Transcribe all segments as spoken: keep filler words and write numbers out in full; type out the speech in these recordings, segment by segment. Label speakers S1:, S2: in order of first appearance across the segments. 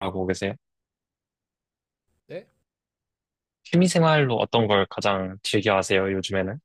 S1: 하고 계세요?
S2: 네?
S1: 취미 생활로 어떤 걸 가장 즐겨 하세요, 요즘에는?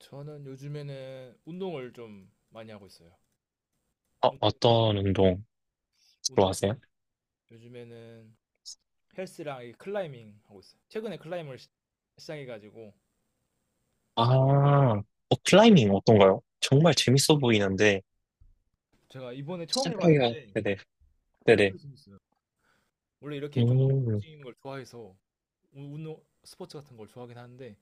S2: 저는 요즘에는 운동을 좀 많이 하고 있어요.
S1: 어,
S2: 운-
S1: 어떤 운동 주로
S2: 운동
S1: 하세요?
S2: 요즘에는 헬스랑 이 클라이밍 하고 있어요. 최근에 클라이밍을 시- 시작해가지고
S1: 아, 어, 클라이밍 어떤가요? 정말 재밌어 보이는데,
S2: 제가 이번에 처음
S1: 시작하기가.
S2: 해봤는데
S1: 네네, 네네,
S2: 되게 재밌어요. 원래 이렇게 좀
S1: 음,
S2: 뛰는 걸 좋아해서 운- 운동 스포츠 같은 걸 좋아하긴 하는데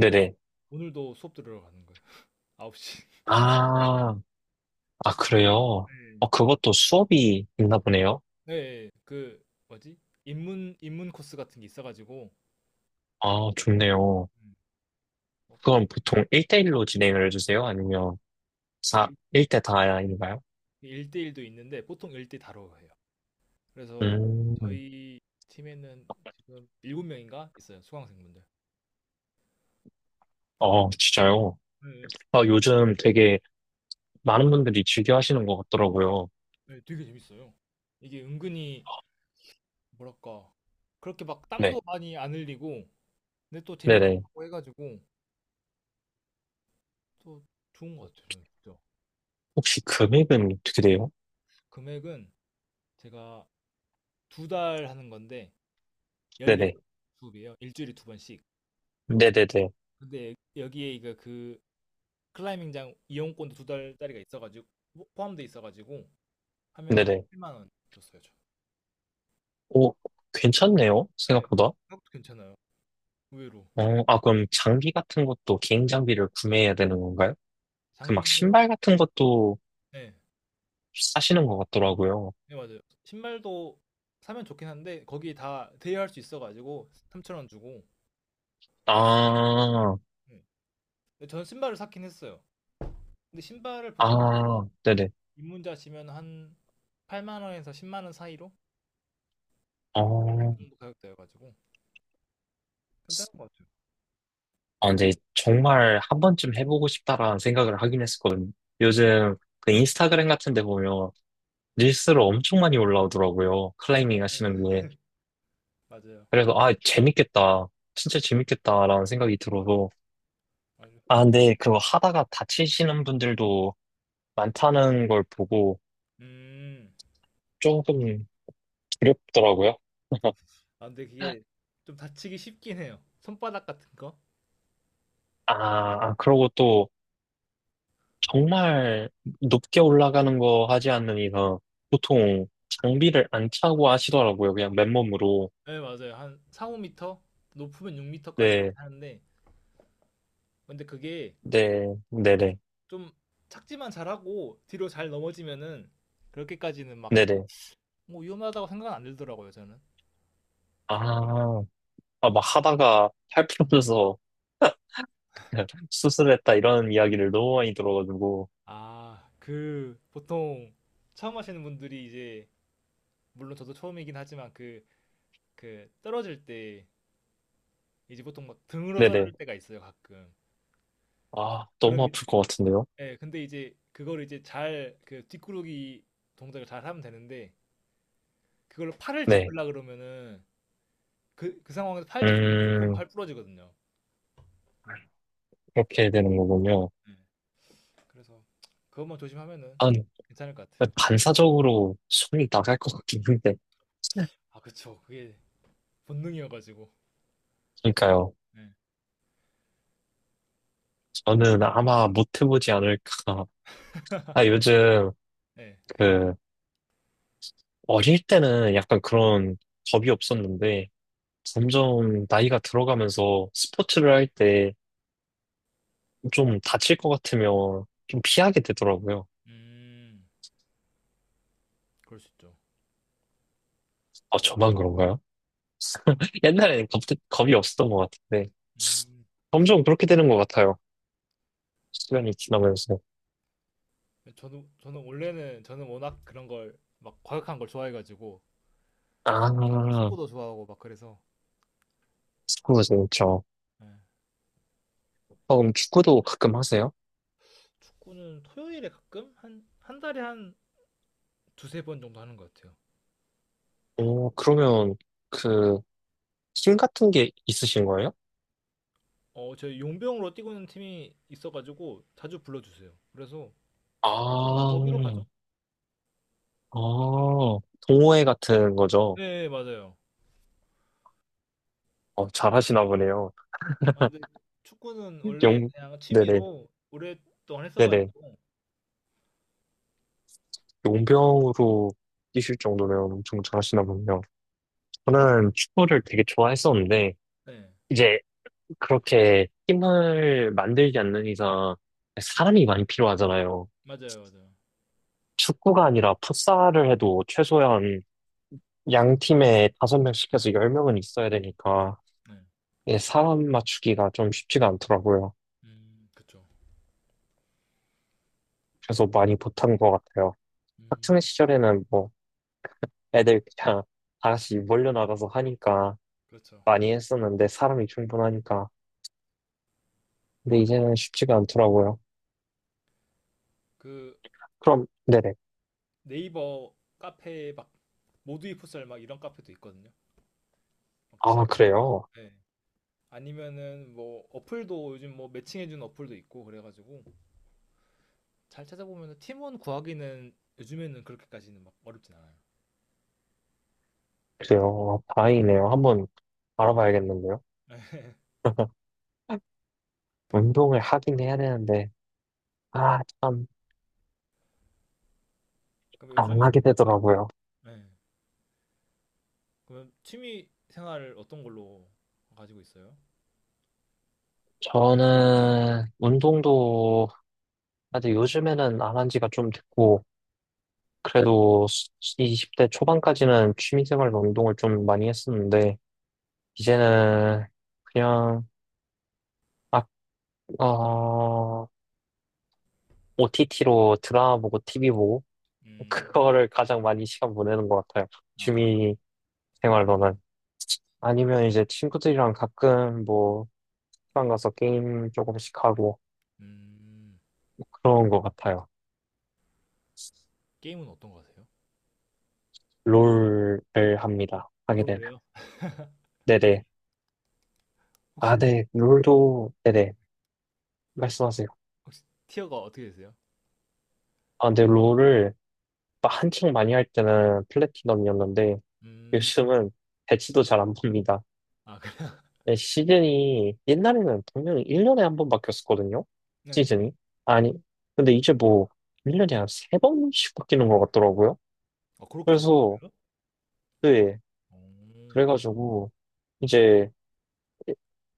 S2: 그래서 오늘도 수업 들으러 가는 거예요. 아홉 시.
S1: 아, 아, 그래요?
S2: 네.
S1: 어, 그것도 수업이 있나 보네요?
S2: 네, 그 뭐지? 입문 입문 코스 같은 게 있어가지고
S1: 아, 좋네요.
S2: 음. 어,
S1: 그럼 보통 일 대일로 진행을 해주세요? 아니면
S2: 그
S1: 사
S2: 일-
S1: 일 대 다인가요?
S2: 1대일도 있는데 보통 일 대 다로 해요. 그래서
S1: 음,
S2: 저희 팀에는 지금 일곱 명인가 있어요 수강생분들.
S1: 어, 진짜요?
S2: 네,
S1: 아, 요즘 되게 많은 분들이 즐겨 하시는 것 같더라고요.
S2: 네, 되게 재밌어요. 이게 은근히 뭐랄까 그렇게 막
S1: 네,
S2: 땀도 많이 안 흘리고 근데 또
S1: 네네.
S2: 재밌고 해가지고 또 좋은 것 같아요. 저는 진짜.
S1: 혹시 금액은 어떻게 돼요?
S2: 금액은 제가 두 달 하는 건데 십사 번
S1: 네네,
S2: 수업이에요. 일주일에 두 번씩.
S1: 네네네,
S2: 근데 여기에 이거 그 클라이밍장 이용권도 두 달짜리가 있어가지고 포함돼 있어가지고 하면
S1: 네네.
S2: 이십칠만 원 줬어요.
S1: 오, 괜찮네요.
S2: 네.
S1: 생각보다.
S2: 가격도 괜찮아요. 의외로.
S1: 어, 아, 그럼 장비 같은 것도 개인 장비를 구매해야 되는 건가요? 그 막
S2: 장비는
S1: 신발 같은 것도
S2: 네
S1: 사시는 것 같더라고요.
S2: 네 맞아요. 신발도 사면 좋긴 한데 거기 다 대여할 수 있어 가지고 삼천 원 주고.
S1: 아,
S2: 네. 근데 저는 신발을 샀긴 했어요. 근데 신발을 보통
S1: 아, 네네.
S2: 입문자시면 한팔만 원에서 십 만 원 사이로 그
S1: 어,
S2: 정도 가격대여 가지고 괜찮은 것 같아요.
S1: 아, 근데 정말 한 번쯤 해보고 싶다라는 생각을 하긴 했었거든요.
S2: 음.
S1: 요즘 그 인스타그램 같은 데 보면 릴스로 엄청 많이 올라오더라고요.
S2: 네, 네,
S1: 클라이밍
S2: 네.
S1: 하시는 게.
S2: 맞아요.
S1: 그래서, 아, 재밌겠다. 진짜 재밌겠다라는 생각이 들어서.
S2: 맞아요.
S1: 아, 근데 그거 하다가 다치시는 분들도 많다는 걸 보고
S2: 음.
S1: 조금 두렵더라고요.
S2: 아, 근데 그게 좀 다치기 쉽긴 해요. 손바닥 같은 거.
S1: 아, 아, 그러고 또 정말 높게 올라가는 거 하지 않는 이상 보통 장비를 안 차고 하시더라고요. 그냥 맨몸으로.
S2: 네, 맞아요. 한 4-5 미터 높으면 육 미터까지
S1: 네,
S2: 가긴 하는데 근데 그게
S1: 네, 네네,
S2: 좀 착지만 잘하고 뒤로 잘 넘어지면은 그렇게까지는 막
S1: 네네.
S2: 뭐 위험하다고 생각은 안 들더라고요 저는.
S1: 아, 아, 막 하다가 팔부어져서 수술했다 이런 이야기를 너무 많이 들어가지고.
S2: 아, 그 보통 처음 하시는 분들이 이제 물론 저도 처음이긴 하지만 그 그 떨어질 때 이제 보통 막 등으로
S1: 네네.
S2: 떨어질 때가 있어요 가끔.
S1: 아, 너무
S2: 그럼 이-
S1: 아플 것 같은데요?
S2: 예, 근데 이제 그걸 이제 잘 그 뒷구르기 동작을 잘 하면 되는데 그걸 팔을
S1: 네.
S2: 짚으려 그러면은 그, 그 상황에서 팔 짚으면 무조건
S1: 음,
S2: 팔 부러지거든요.
S1: 그렇게 되는 거군요.
S2: 예, 그래서 그것만 조심하면은
S1: 한,
S2: 괜찮을 것 같아요.
S1: 반사적으로 손이 나갈 것 같긴 한데.
S2: 아, 그쵸. 그게 본능이어가지고.
S1: 그러니까요.
S2: 네.
S1: 저는 아마 못 해보지 않을까. 아, 요즘,
S2: 네.
S1: 그, 어릴 때는 약간 그런 겁이 없었는데, 점점 나이가 들어가면서 스포츠를 할 때 좀 다칠 것 같으면 좀 피하게 되더라고요.
S2: 음, 그럴 수 있죠.
S1: 아, 저만 그런가요? 옛날에는 겁, 겁이 없었던 것 같은데
S2: 음,
S1: 점점 그렇게 되는 것 같아요. 시간이 지나면서.
S2: 저는, 저는 원래는, 저는 워낙 그런 걸, 막 과격한 걸 좋아해가지고, 막
S1: 아,
S2: 축구도 좋아하고 막 그래서,
S1: 축구 재밌죠.
S2: 네.
S1: 어, 그럼 축구도 가끔 하세요?
S2: 축구는 토요일에 가끔? 한, 한 달에 한 두세 번 정도 하는 것 같아요.
S1: 오, 그러면 그 팀 같은 게 있으신 거예요?
S2: 어, 저희 용병으로 뛰고 있는 팀이 있어가지고, 자주 불러주세요. 그래서, 보통
S1: 아,
S2: 거기로 가죠?
S1: 아, 동호회 같은 거죠.
S2: 네, 맞아요.
S1: 어, 잘하시나 보네요.
S2: 아, 근데 축구는 원래
S1: 용,
S2: 그냥
S1: 네네,
S2: 취미로 오랫동안
S1: 네네.
S2: 했어가지고,
S1: 용병으로 뛰실 정도면 엄청 잘하시나 보네요. 저는 축구를 되게 좋아했었는데,
S2: 네.
S1: 이제 그렇게 팀을 만들지 않는 이상 사람이 많이 필요하잖아요.
S2: 맞아요, 맞아요.
S1: 축구가 아니라 풋살을 해도 최소한 양 팀에 다섯 명 시켜서 열 명은 있어야 되니까
S2: 네.
S1: 이게 사람 맞추기가 좀 쉽지가 않더라고요.
S2: 음, 그쵸.
S1: 그래서 많이 못한 것 같아요.
S2: 음,
S1: 학창 시절에는 뭐 애들 그냥 다 같이 몰려 나가서 하니까
S2: 그렇죠.
S1: 많이 했었는데 사람이 충분하니까. 근데 이제는 쉽지가 않더라고요.
S2: 그
S1: 그럼 네네.
S2: 네이버 카페에 막 모두이 풋살 막 이런 카페도 있거든요. 막
S1: 아
S2: 지역별로.
S1: 그래요?
S2: 네. 아니면은 뭐 어플도 요즘 뭐 매칭해주는 어플도 있고 그래가지고 잘 찾아보면은 팀원 구하기는 요즘에는 그렇게까지는 막 어렵진 않아요.
S1: 그래요. 다행이네요. 한번 알아봐야겠는데요. 운동을 하긴 해야 되는데, 아, 참,
S2: 그럼
S1: 안
S2: 요즘,
S1: 하게 되더라고요.
S2: 네. 그럼 취미 생활을 어떤 걸로 가지고 있어요?
S1: 저는 운동도 아직 요즘에는 안 한 지가 좀 됐고, 그래도 이십 대 초반까지는 취미생활로 운동을 좀 많이 했었는데, 이제는 그냥, 아, 어, 오티티로 드라마 보고 티비 보고,
S2: 음,
S1: 그거를 가장 많이 시간 보내는 것 같아요.
S2: 아,
S1: 취미생활로는. 아니면 이제 친구들이랑 가끔 뭐, 식당 가서 게임 조금씩 하고
S2: 음,
S1: 그런 것 같아요.
S2: 게임은 어떤 거 하세요?
S1: 롤을 합니다.
S2: 아,
S1: 하게 되면.
S2: 롤이에요?
S1: 네네.
S2: 혹시
S1: 아, 네. 롤도, 네네. 말씀하세요.
S2: 혹시 티어가 어떻게 되세요?
S1: 아, 근데 롤을 막 한창 많이 할 때는 플래티넘이었는데
S2: 음,
S1: 요즘은 배치도 잘 안 봅니다.
S2: 아, 그래.
S1: 네, 시즌이 옛날에는 분명히 일 년에 한 번 바뀌었었거든요.
S2: 네.
S1: 시즌이. 아니, 근데 이제 뭐 일 년에 한 세번씩 바뀌는 것 같더라고요.
S2: 아, 그렇게 자주
S1: 그래서,
S2: 바뀌어요?
S1: 네.
S2: 오,
S1: 그래가지고 이제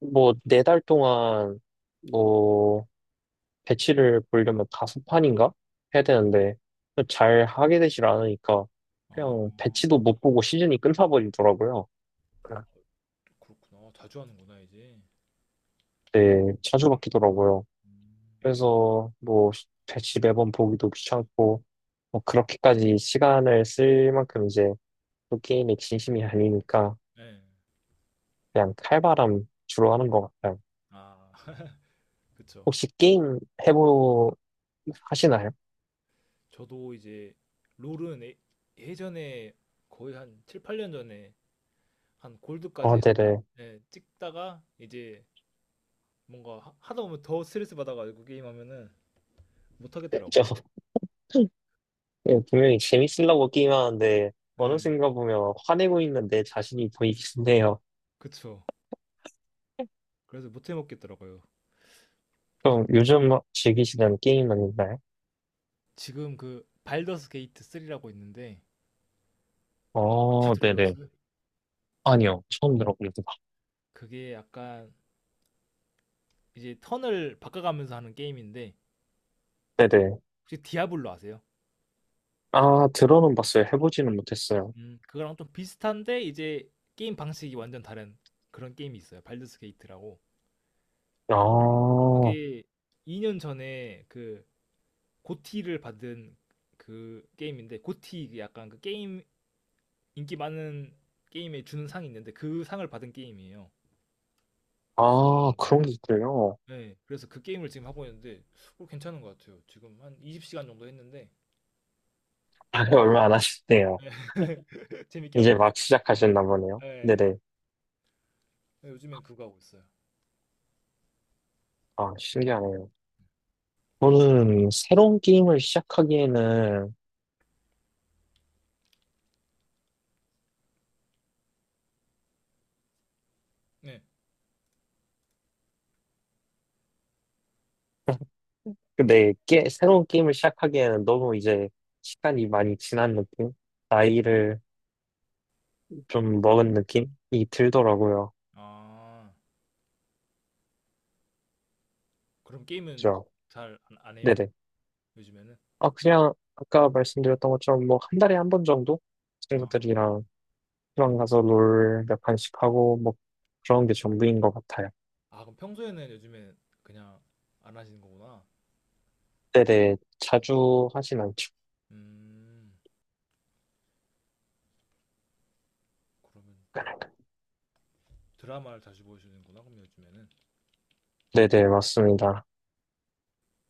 S1: 뭐, 네 달 동안, 뭐, 배치를 보려면 다섯 판인가? 해야 되는데, 잘 하게 되질 않으니까,
S2: 아,
S1: 그냥 배치도 못 보고 시즌이 끝나버리더라고요.
S2: 그렇구나. 자주 하는구나, 이제.
S1: 네, 자주 바뀌더라고요. 그래서, 뭐, 배치 매번 보기도 귀찮고, 뭐, 그렇게까지 시간을 쓸 만큼 이제, 또 게임에 진심이 아니니까,
S2: 네.
S1: 그냥 칼바람 주로 하는 것 같아요.
S2: 아, 그쵸.
S1: 혹시 게임 해보, 하시나요?
S2: 저도 이제, 롤은 예- 예전에 거의 한 칠팔년 전에 한
S1: 어,
S2: 골드까지
S1: 네네.
S2: 예, 찍다가 이제 뭔가 하- 하다 보면 더 스트레스 받아가지고 게임하면은
S1: 네, 저
S2: 못하겠더라고요.
S1: 예, 분명히 재밌으려고 게임하는데 어느
S2: 네,
S1: 순간 보면 화내고 있는 내 자신이 보이긴 해요.
S2: 그쵸. 그래서 못해먹겠더라고요.
S1: 그럼 요즘 막 즐기시는 게임은 있나요?
S2: 지금 그 발더스 게이트 삼이라고 있는데 혹시
S1: 어, 네네.
S2: 들어보셨어요?
S1: 아니요, 처음 들어봅니다.
S2: 그게 약간 이제 턴을 바꿔가면서 하는 게임인데
S1: 네네.
S2: 혹시 디아블로 아세요?
S1: 아, 들어는 봤어요. 해보지는 못했어요.
S2: 음, 그거랑 좀 비슷한데 이제 게임 방식이 완전 다른 그런 게임이 있어요. 발드스 게이트라고.
S1: 아,
S2: 그게 이 년 전에 그 고티를 받은 그 게임인데 고티 그 약간 그 게임 인기 많은 게임에 주는 상이 있는데 그 상을 받은 게임이에요.
S1: 아, 그런 게 있군요.
S2: 네, 그래서 그 게임을 지금 하고 있는데 어, 괜찮은 것 같아요. 지금 한 이십 시간 정도 했는데
S1: 아, 네, 얼마 안 하셨네요.
S2: 재밌게 하고
S1: 이제
S2: 있어요.
S1: 막 시작하셨나 보네요.
S2: 네.
S1: 네네.
S2: 네, 요즘엔 그거 하고 있어요.
S1: 아, 신기하네요. 저는 새로운 게임을 시작하기에는
S2: 네.
S1: 근데 게, 새로운 게임을 시작하기에는 너무 이제 시간이 많이 지난 느낌? 나이를 좀 먹은 느낌이 들더라고요.
S2: 아, 그럼 게임은
S1: 그죠?
S2: 잘 안 안 해요?
S1: 네네.
S2: 요즘에는?
S1: 아, 그냥 아까 말씀드렸던 것처럼 뭐 한 달에 한 번 정도
S2: 아,
S1: 친구들이랑 시방 가서 롤 몇 판씩 하고 뭐 그런 게 전부인 것 같아요.
S2: 아, 그럼 평소에는 요즘에 그냥 안 하시는 거구나.
S1: 네네. 자주 하진 않죠.
S2: 음, 그러면 드라마를 자주 보시는구나, 그럼 요즘에는.
S1: 네네, 맞습니다.